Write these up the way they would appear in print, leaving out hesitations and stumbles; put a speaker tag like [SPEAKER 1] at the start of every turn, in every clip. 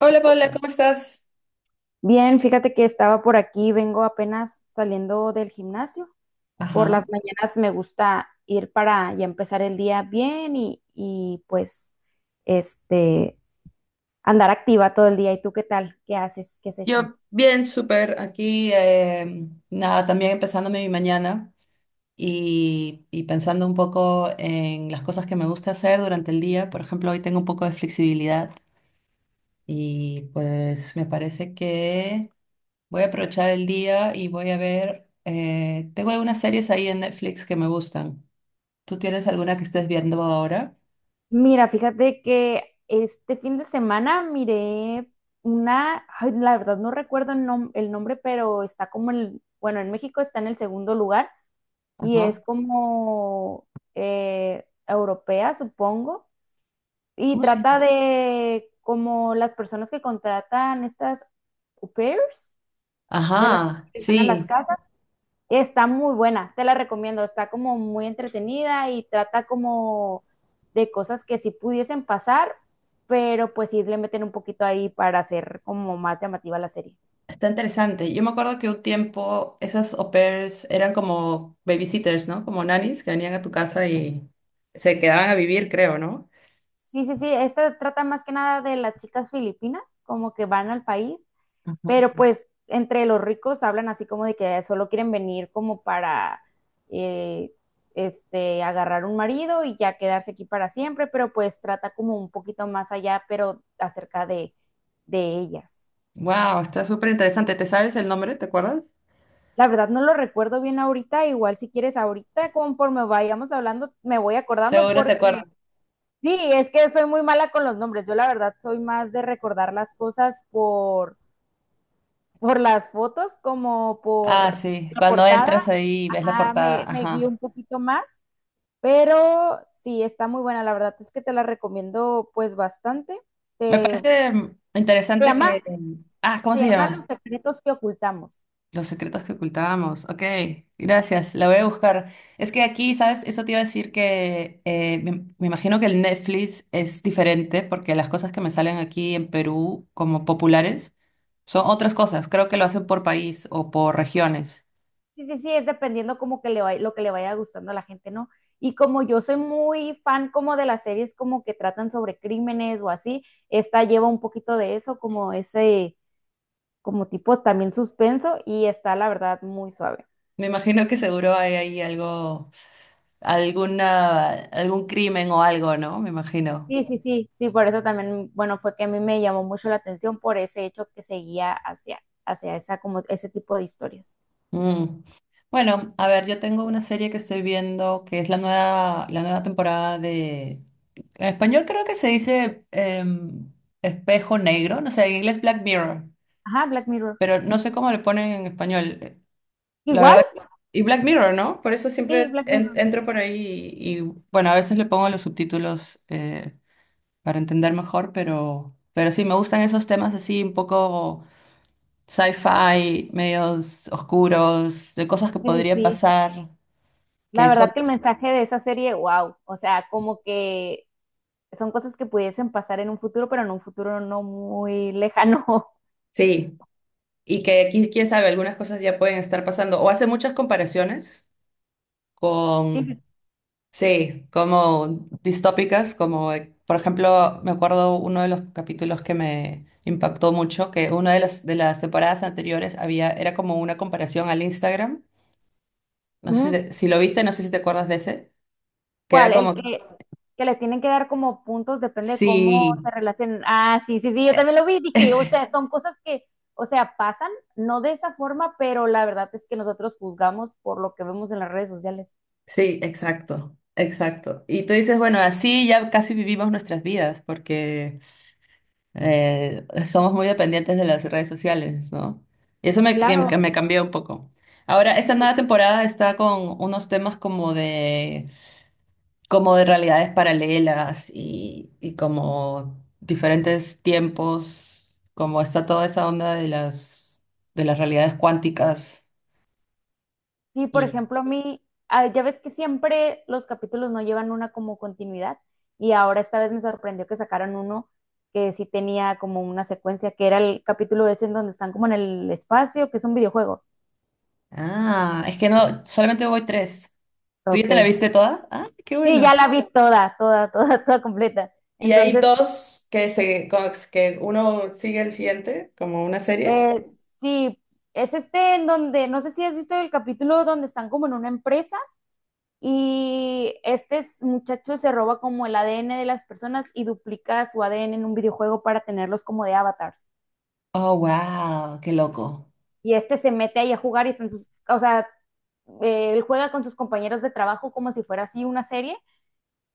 [SPEAKER 1] Hola Paula, ¿cómo estás?
[SPEAKER 2] Bien, fíjate que estaba por aquí, vengo apenas saliendo del gimnasio. Por las
[SPEAKER 1] Ajá.
[SPEAKER 2] mañanas me gusta ir para ya empezar el día bien y, pues este andar activa todo el día. ¿Y tú qué tal? ¿Qué haces? ¿Qué has hecho?
[SPEAKER 1] Yo bien, súper. Aquí, nada, también empezándome mi mañana y pensando un poco en las cosas que me gusta hacer durante el día. Por ejemplo, hoy tengo un poco de flexibilidad y pues me parece que voy a aprovechar el día y voy a ver, tengo algunas series ahí en Netflix que me gustan. ¿Tú tienes alguna que estés viendo ahora?
[SPEAKER 2] Mira, fíjate que este fin de semana miré una, ay, la verdad no recuerdo el, el nombre, pero está como el, bueno, en México está en el segundo lugar y
[SPEAKER 1] Ajá.
[SPEAKER 2] es como europea, supongo. Y
[SPEAKER 1] ¿Cómo se
[SPEAKER 2] trata
[SPEAKER 1] llama?
[SPEAKER 2] de como las personas que contratan estas au pairs de las
[SPEAKER 1] Ajá,
[SPEAKER 2] que van a las
[SPEAKER 1] sí.
[SPEAKER 2] casas. Está muy buena, te la recomiendo. Está como muy entretenida y trata como de cosas que sí pudiesen pasar, pero pues sí le meten un poquito ahí para hacer como más llamativa la serie.
[SPEAKER 1] Está interesante. Yo me acuerdo que un tiempo esas au pairs eran como babysitters, ¿no? Como nannies que venían a tu casa y se quedaban a vivir, creo, ¿no?
[SPEAKER 2] Sí, sí, sí, esta trata más que nada de las chicas filipinas, como que van al país. Pero pues entre los ricos hablan así como de que solo quieren venir como para eh, agarrar un marido y ya quedarse aquí para siempre, pero pues trata como un poquito más allá, pero acerca de ellas.
[SPEAKER 1] Wow, está súper interesante. ¿Te sabes el nombre? ¿Te acuerdas?
[SPEAKER 2] La verdad no lo recuerdo bien ahorita, igual si quieres ahorita, conforme vayamos hablando, me voy acordando
[SPEAKER 1] Seguro te
[SPEAKER 2] porque
[SPEAKER 1] acuerdas.
[SPEAKER 2] sí, es que soy muy mala con los nombres. Yo la verdad soy más de recordar las cosas por las fotos como
[SPEAKER 1] Ah,
[SPEAKER 2] por
[SPEAKER 1] sí.
[SPEAKER 2] la
[SPEAKER 1] Cuando entras
[SPEAKER 2] portada.
[SPEAKER 1] ahí ves la
[SPEAKER 2] Ah,
[SPEAKER 1] portada.
[SPEAKER 2] me guío
[SPEAKER 1] Ajá.
[SPEAKER 2] un poquito más, pero sí, está muy buena. La verdad es que te la recomiendo pues bastante.
[SPEAKER 1] Me
[SPEAKER 2] Te,
[SPEAKER 1] parece
[SPEAKER 2] se
[SPEAKER 1] interesante que.
[SPEAKER 2] llama,
[SPEAKER 1] Ah, ¿cómo
[SPEAKER 2] se
[SPEAKER 1] se
[SPEAKER 2] llama
[SPEAKER 1] llama?
[SPEAKER 2] Los secretos que ocultamos.
[SPEAKER 1] Los secretos que ocultábamos. Ok, gracias. La voy a buscar. Es que aquí, ¿sabes? Eso te iba a decir que me imagino que el Netflix es diferente porque las cosas que me salen aquí en Perú como populares son otras cosas. Creo que lo hacen por país o por regiones.
[SPEAKER 2] Sí, sí, sí, es dependiendo como que lo que le vaya gustando a la gente, ¿no? Y como yo soy muy fan como de las series como que tratan sobre crímenes o así, esta lleva un poquito de eso, como ese, como tipo también suspenso y está la verdad muy suave.
[SPEAKER 1] Me imagino que seguro hay ahí algo, alguna, algún crimen o algo, ¿no? Me imagino.
[SPEAKER 2] Sí, sí, sí, sí, por eso también, bueno, fue que a mí me llamó mucho la atención por ese hecho que seguía hacia esa, como ese tipo de historias.
[SPEAKER 1] Mm. Bueno, a ver, yo tengo una serie que estoy viendo que es la nueva, temporada de. En español creo que se dice Espejo Negro, no sé, en inglés Black Mirror,
[SPEAKER 2] Ajá, Black Mirror.
[SPEAKER 1] pero no sé cómo le ponen en español, la
[SPEAKER 2] Igual,
[SPEAKER 1] verdad. Y Black Mirror, ¿no? Por eso
[SPEAKER 2] sí,
[SPEAKER 1] siempre
[SPEAKER 2] Black Mirror.
[SPEAKER 1] entro por ahí y, bueno, a veces le pongo los subtítulos para entender mejor, pero sí, me gustan esos temas así un poco sci-fi, medios oscuros, de cosas que
[SPEAKER 2] Sí, sí,
[SPEAKER 1] podrían
[SPEAKER 2] sí.
[SPEAKER 1] pasar. Que
[SPEAKER 2] La
[SPEAKER 1] eso,
[SPEAKER 2] verdad que el mensaje de esa serie, wow, o sea, como que son cosas que pudiesen pasar en un futuro, pero en un futuro no muy lejano.
[SPEAKER 1] sí, y que aquí, quién sabe, algunas cosas ya pueden estar pasando. O hace muchas comparaciones
[SPEAKER 2] Sí,
[SPEAKER 1] con,
[SPEAKER 2] sí.
[SPEAKER 1] sí, como distópicas, como, por ejemplo, me acuerdo uno de los capítulos que me impactó mucho, que una de las, temporadas anteriores había, era como una comparación al Instagram. No sé
[SPEAKER 2] Ujú.
[SPEAKER 1] si lo viste, no sé si te acuerdas de ese, que era
[SPEAKER 2] ¿Cuál? El
[SPEAKER 1] como,
[SPEAKER 2] que les tienen que dar como puntos, depende de cómo
[SPEAKER 1] sí,
[SPEAKER 2] se relacionen. Ah, sí, sí, sí, yo también lo vi, dije, o
[SPEAKER 1] ese,
[SPEAKER 2] sea, son cosas que, o sea, pasan, no de esa forma, pero la verdad es que nosotros juzgamos por lo que vemos en las redes sociales.
[SPEAKER 1] sí, exacto, exacto. Y tú dices, bueno, así ya casi vivimos nuestras vidas, porque somos muy dependientes de las redes sociales, ¿no? Y eso me,
[SPEAKER 2] Claro,
[SPEAKER 1] que me cambió un poco. Ahora, esta nueva temporada está con unos temas como de realidades paralelas y como diferentes tiempos, como está toda esa onda de las realidades cuánticas.
[SPEAKER 2] sí, por
[SPEAKER 1] Y,
[SPEAKER 2] ejemplo, a mí, ah, ya ves que siempre los capítulos no llevan una como continuidad, y ahora esta vez me sorprendió que sacaran uno que sí tenía como una secuencia, que era el capítulo ese en donde están como en el espacio, que es un videojuego.
[SPEAKER 1] ah, es que no, solamente voy tres. ¿Tú ya
[SPEAKER 2] Ok.
[SPEAKER 1] te la viste toda? Ah, qué
[SPEAKER 2] Sí,
[SPEAKER 1] bueno.
[SPEAKER 2] ya la vi toda, toda, toda, toda completa.
[SPEAKER 1] Y hay
[SPEAKER 2] Entonces,
[SPEAKER 1] dos que uno sigue el siguiente, como una serie.
[SPEAKER 2] eh, sí, es este en donde, no sé si has visto el capítulo donde están como en una empresa y este muchacho se roba como el ADN de las personas y duplica su ADN en un videojuego para tenerlos como de avatars.
[SPEAKER 1] Oh, wow, qué loco.
[SPEAKER 2] Y este se mete ahí a jugar y están sus, o sea, él juega con sus compañeros de trabajo como si fuera así una serie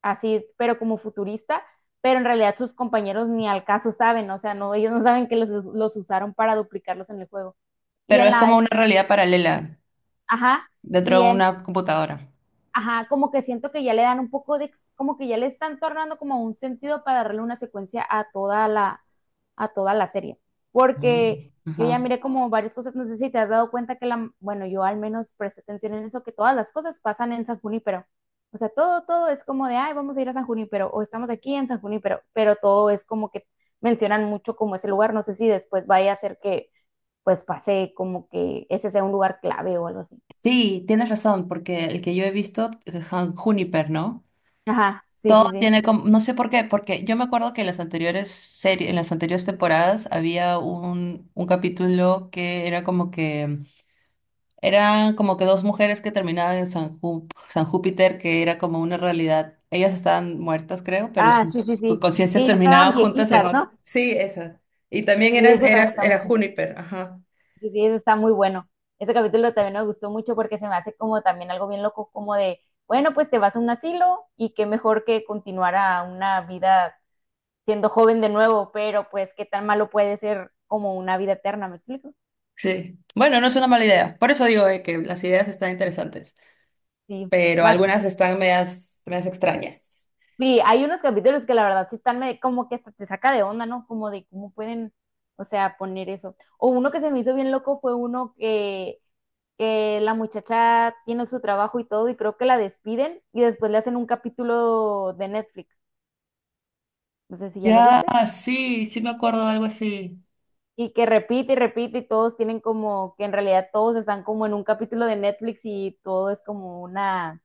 [SPEAKER 2] así, pero como futurista, pero en realidad sus compañeros ni al caso saben, o sea, no, ellos no saben que los usaron para duplicarlos en el juego. Y
[SPEAKER 1] Pero
[SPEAKER 2] en
[SPEAKER 1] es
[SPEAKER 2] la,
[SPEAKER 1] como una realidad paralela
[SPEAKER 2] ajá,
[SPEAKER 1] dentro
[SPEAKER 2] y
[SPEAKER 1] de
[SPEAKER 2] en
[SPEAKER 1] una computadora.
[SPEAKER 2] ajá, como que siento que ya le dan un poco de, como que ya le están tornando como un sentido para darle una secuencia a toda la serie.
[SPEAKER 1] Mm,
[SPEAKER 2] Porque yo ya
[SPEAKER 1] ajá.
[SPEAKER 2] miré como varias cosas, no sé si te has dado cuenta que la, bueno, yo al menos presté atención en eso, que todas las cosas pasan en San Junípero. O sea, todo, todo es como de, ay, vamos a ir a San Junípero, o estamos aquí en San Junípero, pero todo es como que mencionan mucho como ese lugar, no sé si después vaya a ser que, pues, pase como que ese sea un lugar clave o algo así.
[SPEAKER 1] Sí, tienes razón, porque el que yo he visto, Juniper, ¿no?
[SPEAKER 2] Ajá, sí,
[SPEAKER 1] Todo
[SPEAKER 2] sí, sí.
[SPEAKER 1] tiene como, no sé por qué, porque yo me acuerdo que en las anteriores series, en las anteriores temporadas había un capítulo que era como que eran como que dos mujeres que terminaban en San Júpiter, que era como una realidad. Ellas estaban muertas, creo, pero
[SPEAKER 2] Ah, sí, sí,
[SPEAKER 1] sus
[SPEAKER 2] sí.
[SPEAKER 1] conciencias
[SPEAKER 2] Sí,
[SPEAKER 1] terminaban
[SPEAKER 2] estaban
[SPEAKER 1] juntas en
[SPEAKER 2] viejitas,
[SPEAKER 1] otra.
[SPEAKER 2] ¿no?
[SPEAKER 1] Sí, esa. Y también
[SPEAKER 2] Y
[SPEAKER 1] eras,
[SPEAKER 2] eso también
[SPEAKER 1] eras,
[SPEAKER 2] está muy
[SPEAKER 1] era
[SPEAKER 2] bueno.
[SPEAKER 1] Juniper, ajá.
[SPEAKER 2] Sí, sí, eso está muy bueno. Ese capítulo también me gustó mucho porque se me hace como también algo bien loco, como de, bueno, pues te vas a un asilo y qué mejor que continuar a una vida siendo joven de nuevo, pero pues qué tan malo puede ser como una vida eterna, ¿me explico?
[SPEAKER 1] Sí. Bueno, no es una mala idea. Por eso digo, que las ideas están interesantes,
[SPEAKER 2] Sí,
[SPEAKER 1] pero
[SPEAKER 2] más.
[SPEAKER 1] algunas están medias, medias extrañas.
[SPEAKER 2] Sí, hay unos capítulos que la verdad sí están como que hasta te saca de onda, ¿no? Como de cómo pueden, o sea, poner eso. O uno que se me hizo bien loco fue uno que la muchacha tiene su trabajo y todo, y creo que la despiden y después le hacen un capítulo de Netflix. No sé si ya lo
[SPEAKER 1] Ya,
[SPEAKER 2] viste.
[SPEAKER 1] sí, sí me acuerdo de algo así.
[SPEAKER 2] Y que repite y repite y todos tienen como que en realidad todos están como en un capítulo de Netflix y todo es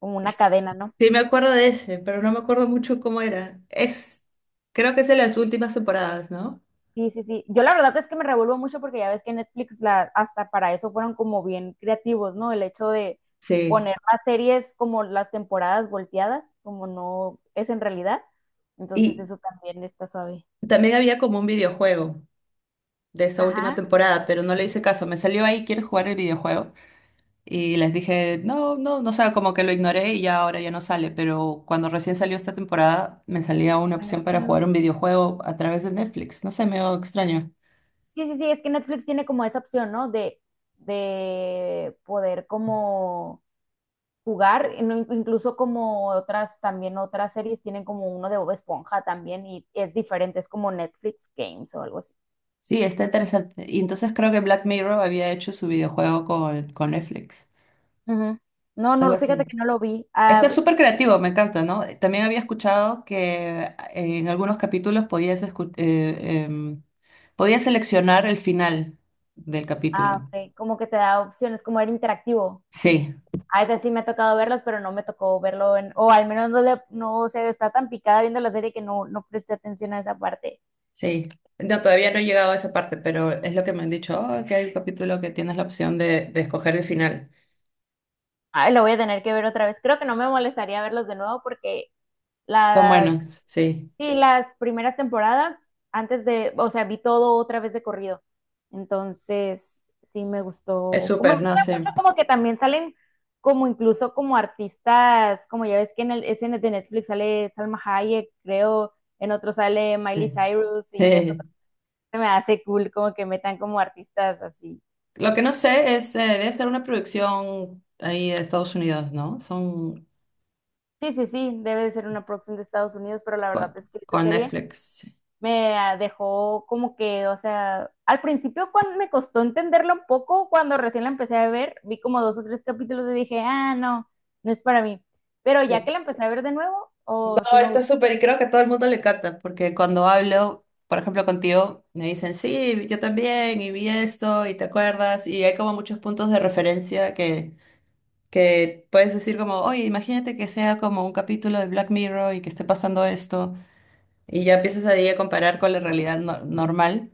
[SPEAKER 2] como una
[SPEAKER 1] Es-
[SPEAKER 2] cadena, ¿no?
[SPEAKER 1] Sí me acuerdo de ese, pero no me acuerdo mucho cómo era. Creo que es de las últimas temporadas, ¿no?
[SPEAKER 2] Sí, sí, sí. Yo la verdad es que me revuelvo mucho porque ya ves que Netflix la, hasta para eso fueron como bien creativos, ¿no? El hecho de
[SPEAKER 1] Sí.
[SPEAKER 2] poner las series como las temporadas volteadas, como no es en realidad. Entonces
[SPEAKER 1] Y
[SPEAKER 2] eso también está suave.
[SPEAKER 1] también había como un videojuego de esta última
[SPEAKER 2] Ajá.
[SPEAKER 1] temporada, pero no le hice caso. Me salió ahí, ¿quieres jugar el videojuego? Y les dije, no, no, no, o sea, como que lo ignoré y ya ahora ya no sale. Pero cuando recién salió esta temporada, me salía una
[SPEAKER 2] Ay,
[SPEAKER 1] opción para
[SPEAKER 2] no.
[SPEAKER 1] jugar un videojuego a través de Netflix. No sé, me extraño.
[SPEAKER 2] Sí, sí, sí, es que Netflix tiene como esa opción, ¿no? De poder como jugar, y incluso como otras, también otras series tienen como uno de Bob Esponja también y es diferente, es como Netflix Games o algo así.
[SPEAKER 1] Sí, está interesante. Y entonces creo que Black Mirror había hecho su videojuego con Netflix.
[SPEAKER 2] Ujú. No,
[SPEAKER 1] Algo
[SPEAKER 2] no, fíjate
[SPEAKER 1] así.
[SPEAKER 2] que no lo vi.
[SPEAKER 1] Está
[SPEAKER 2] Ah,
[SPEAKER 1] súper creativo, me encanta, ¿no? También había escuchado que en algunos capítulos podías seleccionar el final del
[SPEAKER 2] ah,
[SPEAKER 1] capítulo.
[SPEAKER 2] ok, como que te da opciones, como era interactivo.
[SPEAKER 1] Sí,
[SPEAKER 2] A veces sí me ha tocado verlas, pero no me tocó verlo en, o al menos no le, no se está tan picada viendo la serie que no, no presté atención a esa parte.
[SPEAKER 1] sí. No, todavía no he llegado a esa parte, pero es lo que me han dicho, "Oh, que hay un capítulo que tienes la opción de escoger el final."
[SPEAKER 2] Ay, lo voy a tener que ver otra vez. Creo que no me molestaría verlos de nuevo porque
[SPEAKER 1] Son
[SPEAKER 2] las,
[SPEAKER 1] buenos, sí.
[SPEAKER 2] sí, las primeras temporadas, antes de, o sea, vi todo otra vez de corrido. Entonces, sí me
[SPEAKER 1] Es
[SPEAKER 2] gustó. Me
[SPEAKER 1] súper, ¿no?
[SPEAKER 2] gusta
[SPEAKER 1] Sí.
[SPEAKER 2] mucho como que también salen como incluso como artistas, como ya ves que en el SN de Netflix sale Salma Hayek, creo, en otro sale Miley
[SPEAKER 1] Sí.
[SPEAKER 2] Cyrus y eso
[SPEAKER 1] Sí.
[SPEAKER 2] se me hace cool como que metan como artistas así.
[SPEAKER 1] Lo que no sé es, debe ser una producción ahí de Estados Unidos, ¿no? Son
[SPEAKER 2] Sí, sí, sí, debe de ser una producción de Estados Unidos, pero la verdad
[SPEAKER 1] con,
[SPEAKER 2] es que esta
[SPEAKER 1] con
[SPEAKER 2] serie
[SPEAKER 1] Netflix.
[SPEAKER 2] me dejó como que, o sea, al principio cuando me costó entenderlo un poco, cuando recién la empecé a ver, vi como dos o tres capítulos y dije, ah, no, no es para mí. Pero ya que la empecé a ver de nuevo,
[SPEAKER 1] No,
[SPEAKER 2] oh, sí me
[SPEAKER 1] está
[SPEAKER 2] gusta.
[SPEAKER 1] súper y creo que a todo el mundo le encanta, porque cuando hablo, por ejemplo, contigo, me dicen, sí, yo también, y vi esto, y te acuerdas, y hay como muchos puntos de referencia que puedes decir como, oye, imagínate que sea como un capítulo de Black Mirror y que esté pasando esto, y ya empiezas ahí a comparar con la realidad normal.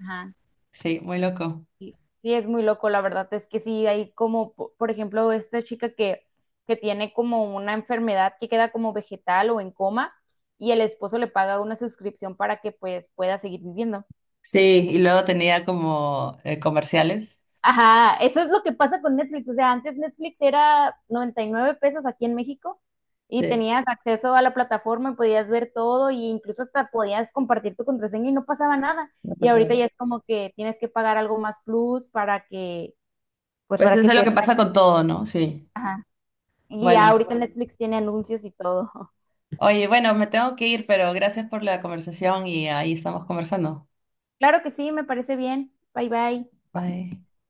[SPEAKER 2] Ajá.
[SPEAKER 1] Sí, muy loco.
[SPEAKER 2] Sí, sí, es muy loco, la verdad es que sí, hay como, por ejemplo, esta chica que tiene como una enfermedad que queda como vegetal o en coma y el esposo le paga una suscripción para que pues pueda seguir viviendo.
[SPEAKER 1] Sí, y luego tenía como comerciales.
[SPEAKER 2] Ajá, eso es lo que pasa con Netflix. O sea, antes Netflix era 99 pesos aquí en México y
[SPEAKER 1] Sí,
[SPEAKER 2] tenías acceso a la plataforma y podías ver todo e incluso hasta podías compartir tu contraseña y no pasaba nada.
[SPEAKER 1] no
[SPEAKER 2] Y
[SPEAKER 1] pasaba
[SPEAKER 2] ahorita ya
[SPEAKER 1] nada.
[SPEAKER 2] es como que tienes que pagar algo más plus para que, pues
[SPEAKER 1] Pues
[SPEAKER 2] para que
[SPEAKER 1] eso es
[SPEAKER 2] te
[SPEAKER 1] lo
[SPEAKER 2] den.
[SPEAKER 1] que pasa con todo, ¿no? Sí.
[SPEAKER 2] Ajá. Y ya
[SPEAKER 1] Bueno.
[SPEAKER 2] ahorita Netflix tiene anuncios y todo.
[SPEAKER 1] Oye, bueno, me tengo que ir, pero gracias por la conversación y ahí estamos conversando.
[SPEAKER 2] Claro que sí, me parece bien. Bye bye.
[SPEAKER 1] Bye.